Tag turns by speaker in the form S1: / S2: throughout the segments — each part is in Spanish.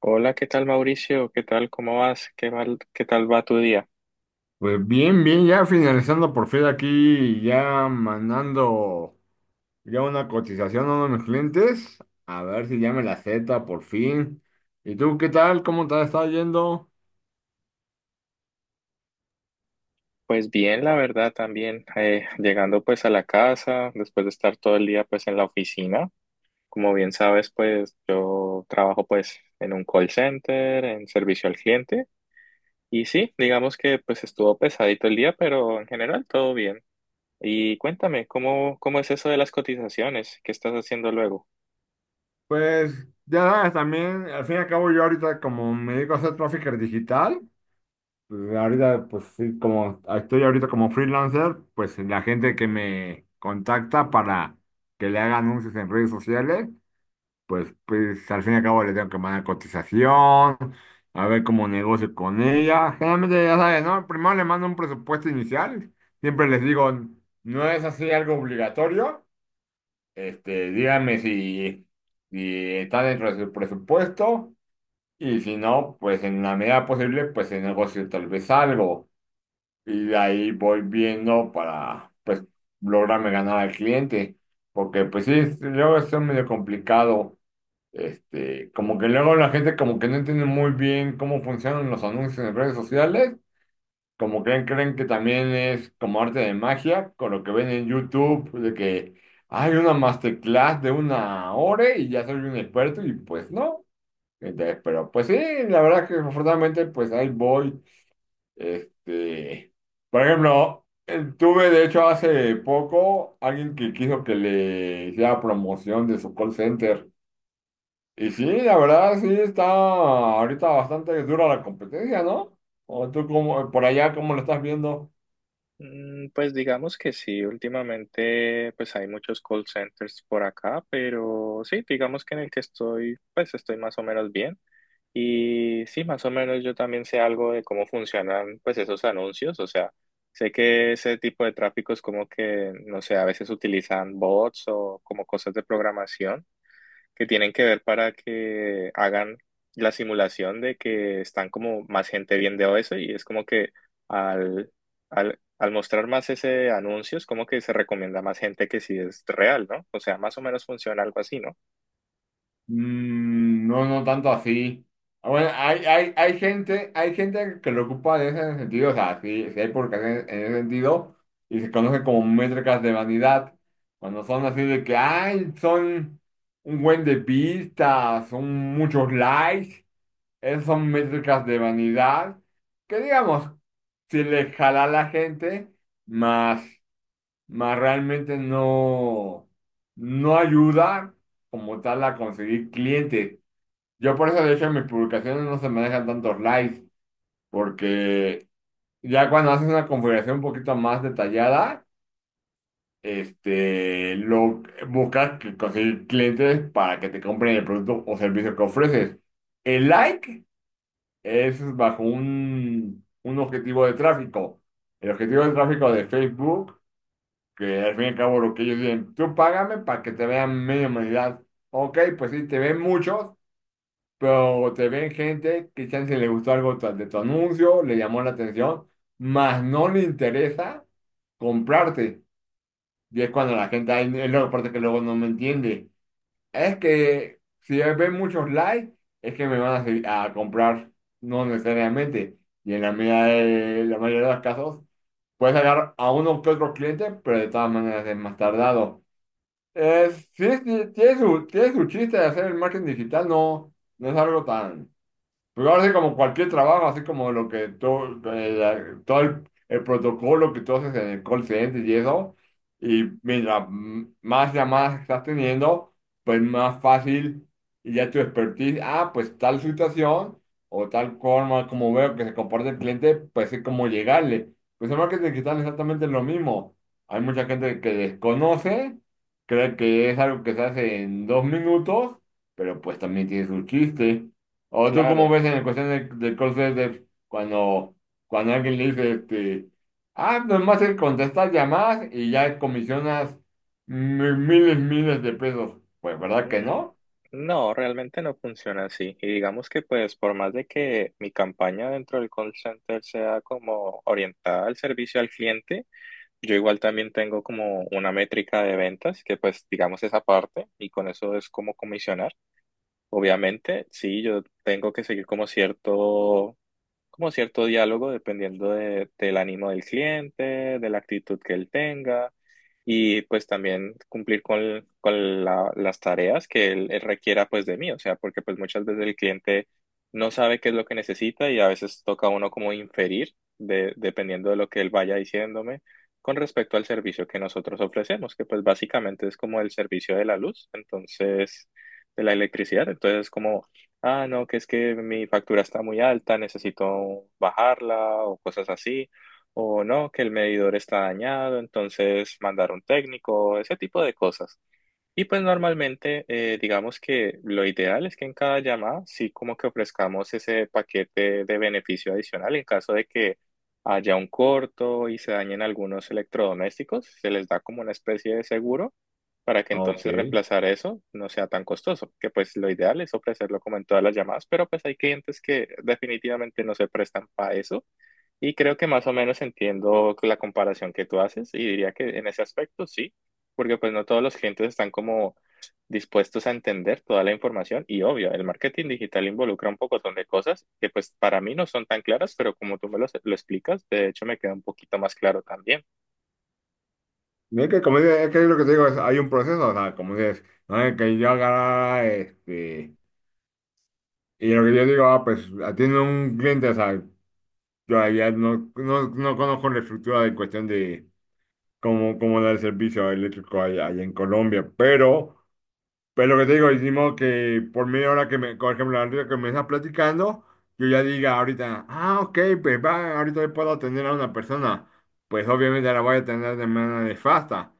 S1: Hola, ¿qué tal Mauricio? ¿Qué tal? ¿Cómo vas? ¿Qué tal va tu día?
S2: Pues bien, bien, ya finalizando por fin aquí, ya mandando ya una cotización a uno de mis clientes, a ver si ya me la acepta por fin. ¿Y tú qué tal? ¿Cómo te está yendo?
S1: Pues bien, la verdad también, llegando pues a la casa, después de estar todo el día pues en la oficina. Como bien sabes, pues yo trabajo pues en un call center, en servicio al cliente. Y sí, digamos que pues estuvo pesadito el día, pero en general todo bien. Y cuéntame, ¿cómo es eso de las cotizaciones? ¿Qué estás haciendo luego?
S2: Pues ya sabes, también, al fin y al cabo yo ahorita como me dedico a hacer trafficker digital, pues ahorita pues sí, como estoy ahorita como freelancer, pues la gente que me contacta para que le haga anuncios en redes sociales. Pues, pues al fin y al cabo le tengo que mandar cotización, a ver cómo negocio con ella. Generalmente, ya sabes, ¿no? Primero le mando un presupuesto inicial. Siempre les digo, no es así algo obligatorio. Díganme si, si está dentro de su presupuesto, y si no, pues en la medida posible, pues se negocio tal vez algo. Y de ahí voy viendo para, pues, lograrme ganar al cliente. Porque, pues sí, luego es medio complicado, como que luego la gente como que no entiende muy bien cómo funcionan los anuncios en redes sociales, como creen que también es como arte de magia, con lo que ven en YouTube, de que hay una masterclass de una hora y ya soy un experto, y pues no. Entonces, pero pues sí, la verdad que afortunadamente pues ahí voy. Este, por ejemplo, tuve de hecho hace poco alguien que quiso que le hiciera promoción de su call center. Y sí, la verdad, sí está ahorita bastante dura la competencia, ¿no? ¿O tú como, por allá, cómo lo estás viendo?
S1: Mm, pues digamos que sí, últimamente pues hay muchos call centers por acá, pero sí, digamos que en el que estoy pues estoy más o menos bien y sí, más o menos yo también sé algo de cómo funcionan pues esos anuncios, o sea, sé que ese tipo de tráfico es como que, no sé, a veces utilizan bots o como cosas de programación que tienen que ver para que hagan la simulación de que están como más gente viendo eso y es como que al, al mostrar más ese anuncio es como que se recomienda a más gente que si es real, ¿no? O sea, más o menos funciona algo así, ¿no?
S2: Mm, no, no tanto así. Ah, bueno, hay gente que lo ocupa en ese sentido, o sea, sí, sí hay publicaciones en ese sentido, y se conocen como métricas de vanidad, cuando son así de que, ay, son un buen de vistas, son muchos likes. Esas son métricas de vanidad que, digamos, si le jala a la gente, más, más realmente no, no ayuda como tal a conseguir clientes. Yo por eso, de hecho, en mis publicaciones no se manejan tantos likes, porque ya cuando haces una configuración un poquito más detallada, lo buscas que conseguir clientes para que te compren el producto o servicio que ofreces. El like es bajo un objetivo de tráfico. El objetivo de tráfico de Facebook, que al fin y al cabo lo que ellos dicen, tú págame para que te vean media humanidad. Ok, pues sí, te ven muchos, pero te ven gente que chance le gustó algo de tu anuncio, le llamó la atención, más no le interesa comprarte. Y es cuando la gente, ahí es la parte que luego no me entiende. Es que si ven muchos likes, es que me van a comprar, no necesariamente. Y en la medida de la mayoría de los casos, puedes sacar a uno que otro cliente, pero de todas maneras es más tardado. Sí, sí, tiene tiene su chiste de hacer el marketing digital, no, no es algo tan... Pero ahora sí, como cualquier trabajo, así como lo que todo, todo el protocolo que tú haces en el call center y eso, y mira, más llamadas estás teniendo, pues más fácil, y ya tu expertise, ah, pues tal situación o tal forma como veo que se comporta el cliente, pues es como llegarle. Pues en marketing digital es exactamente lo mismo. Hay mucha gente que desconoce, cree que es algo que se hace en dos minutos, pero pues también tiene su chiste. ¿O tú cómo
S1: Claro.
S2: ves en la cuestión del call center cuando, cuando alguien le dice, ah, nomás es contestar llamadas y ya comisionas miles, miles de pesos? Pues, ¿verdad que
S1: Mm,
S2: no?
S1: no, realmente no funciona así. Y digamos que pues por más de que mi campaña dentro del call center sea como orientada al servicio al cliente, yo igual también tengo como una métrica de ventas, que pues digamos esa parte, y con eso es como comisionar. Obviamente, sí, yo tengo que seguir como cierto diálogo dependiendo del ánimo del cliente, de la actitud que él tenga y pues también cumplir con las tareas que él requiera pues de mí, o sea, porque pues muchas veces el cliente no sabe qué es lo que necesita y a veces toca a uno como inferir dependiendo de lo que él vaya diciéndome con respecto al servicio que nosotros ofrecemos, que pues básicamente es como el servicio de la luz, entonces, de la electricidad, entonces como ah, no, que es que mi factura está muy alta, necesito bajarla o cosas así, o no, que el medidor está dañado, entonces mandar un técnico, ese tipo de cosas. Y pues normalmente, digamos que lo ideal es que en cada llamada sí como que ofrezcamos ese paquete de beneficio adicional en caso de que haya un corto y se dañen algunos electrodomésticos, se les da como una especie de seguro para que entonces
S2: Ok.
S1: reemplazar eso no sea tan costoso, que pues lo ideal es ofrecerlo como en todas las llamadas, pero pues hay clientes que definitivamente no se prestan para eso. Y creo que más o menos entiendo la comparación que tú haces y diría que en ese aspecto sí porque pues no todos los clientes están como dispuestos a entender toda la información y obvio, el marketing digital involucra un pocotón de cosas que pues para mí no son tan claras, pero como tú me lo explicas, de hecho me queda un poquito más claro también.
S2: Mira que como dices, es que lo que te digo es, hay un proceso, o sea, como dices, no es que yo agarrara, y lo que yo digo, ah, pues atiendo a un cliente, o sea, yo allá no, no, no conozco la estructura de cuestión de cómo, cómo da el servicio eléctrico allá, allá en Colombia, pero pues lo que te digo, decimos que por media hora que me, por ejemplo, ahorita que me estás platicando, yo ya diga ahorita, ah, ok, pues va, ahorita puedo atender a una persona. Pues obviamente la voy a atender de manera nefasta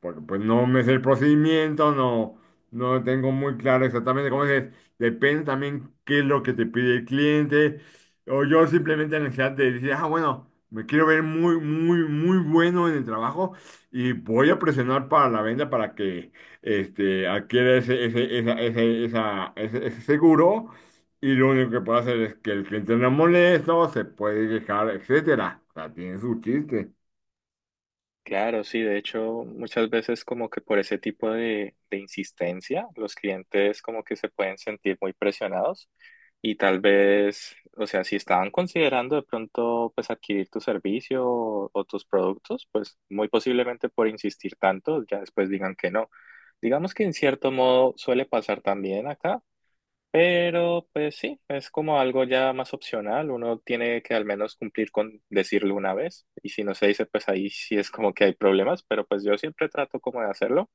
S2: porque pues no me sé el procedimiento, no, no tengo muy claro exactamente cómo es. Depende también qué es lo que te pide el cliente. O yo simplemente la necesidad de decir, ah, bueno, me quiero ver muy, muy, muy bueno en el trabajo y voy a presionar para la venta para que adquiera ese seguro. Y lo único que puedo hacer es que el cliente no molesto, se puede quejar, etcétera. O sea, tiene su chiste.
S1: Claro, sí, de hecho, muchas veces como que por ese tipo de insistencia, los clientes como que se pueden sentir muy presionados y tal vez, o sea, si estaban considerando de pronto pues adquirir tu servicio o tus productos, pues muy posiblemente por insistir tanto, ya después digan que no. Digamos que en cierto modo suele pasar también acá. Pero pues sí, es como algo ya más opcional, uno tiene que al menos cumplir con decirlo una vez y si no se dice pues ahí sí es como que hay problemas, pero pues yo siempre trato como de hacerlo.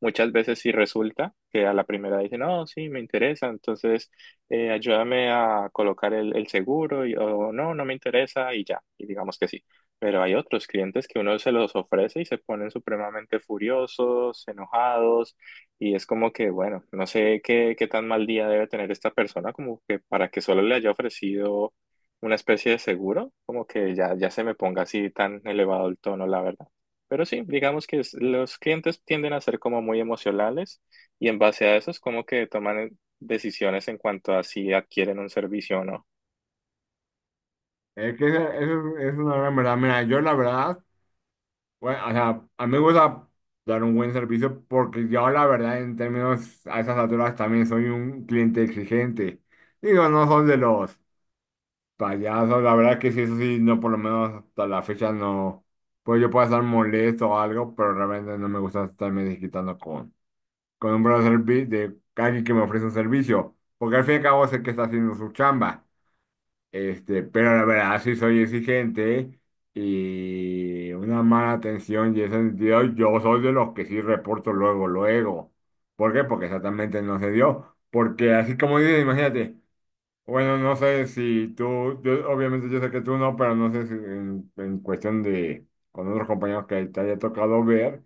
S1: Muchas veces sí resulta que a la primera dicen, no, sí, me interesa, entonces ayúdame a colocar el seguro y, o no, no me interesa y ya, y digamos que sí. Pero hay otros clientes que uno se los ofrece y se ponen supremamente furiosos, enojados y es como que, bueno, no sé qué tan mal día debe tener esta persona, como que para que solo le haya ofrecido una especie de seguro, como que ya, ya se me ponga así tan elevado el tono, la verdad. Pero sí, digamos que los clientes tienden a ser como muy emocionales y en base a eso es como que toman decisiones en cuanto a si adquieren un servicio o no.
S2: Es que eso es una gran verdad. Mira, yo la verdad, bueno, o sea, a mí me gusta dar un buen servicio porque yo la verdad en términos a esas alturas también soy un cliente exigente. Digo, no soy de los payasos, la verdad que sí, eso sí, no por lo menos hasta la fecha no, pues yo puedo estar molesto o algo, pero realmente no me gusta estarme desquitando con un buen servicio de alguien que me ofrece un servicio, porque al fin y al cabo sé que está haciendo su chamba. Pero la verdad sí soy exigente y una mala atención y ese sentido, yo soy de los que sí reporto luego, luego. ¿Por qué? Porque exactamente no se dio. Porque así como dices, imagínate, bueno, no sé si tú, obviamente yo sé que tú no, pero no sé si en cuestión de con otros compañeros que te haya tocado ver.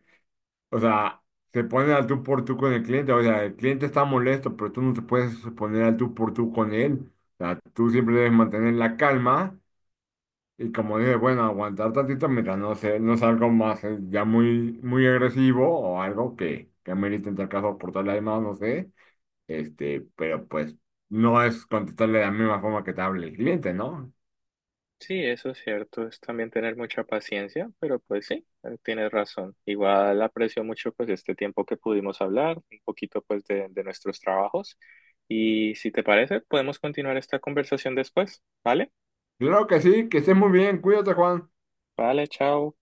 S2: O sea, se ponen al tú por tú con el cliente. O sea, el cliente está molesto, pero tú no te puedes poner al tú por tú con él. O sea, tú siempre debes mantener la calma, y como dije, bueno, aguantar tantito mientras no sé, no sea algo más, ya muy, muy agresivo o algo que amerite en tal caso portarle además, no sé. Pero pues no es contestarle de la misma forma que te hable el cliente, ¿no?
S1: Sí, eso es cierto, es también tener mucha paciencia, pero pues sí, tienes razón. Igual aprecio mucho pues este tiempo que pudimos hablar, un poquito pues de nuestros trabajos y si te parece, podemos continuar esta conversación después, ¿vale?
S2: Claro que sí, que estés muy bien, cuídate, Juan.
S1: Vale, chao.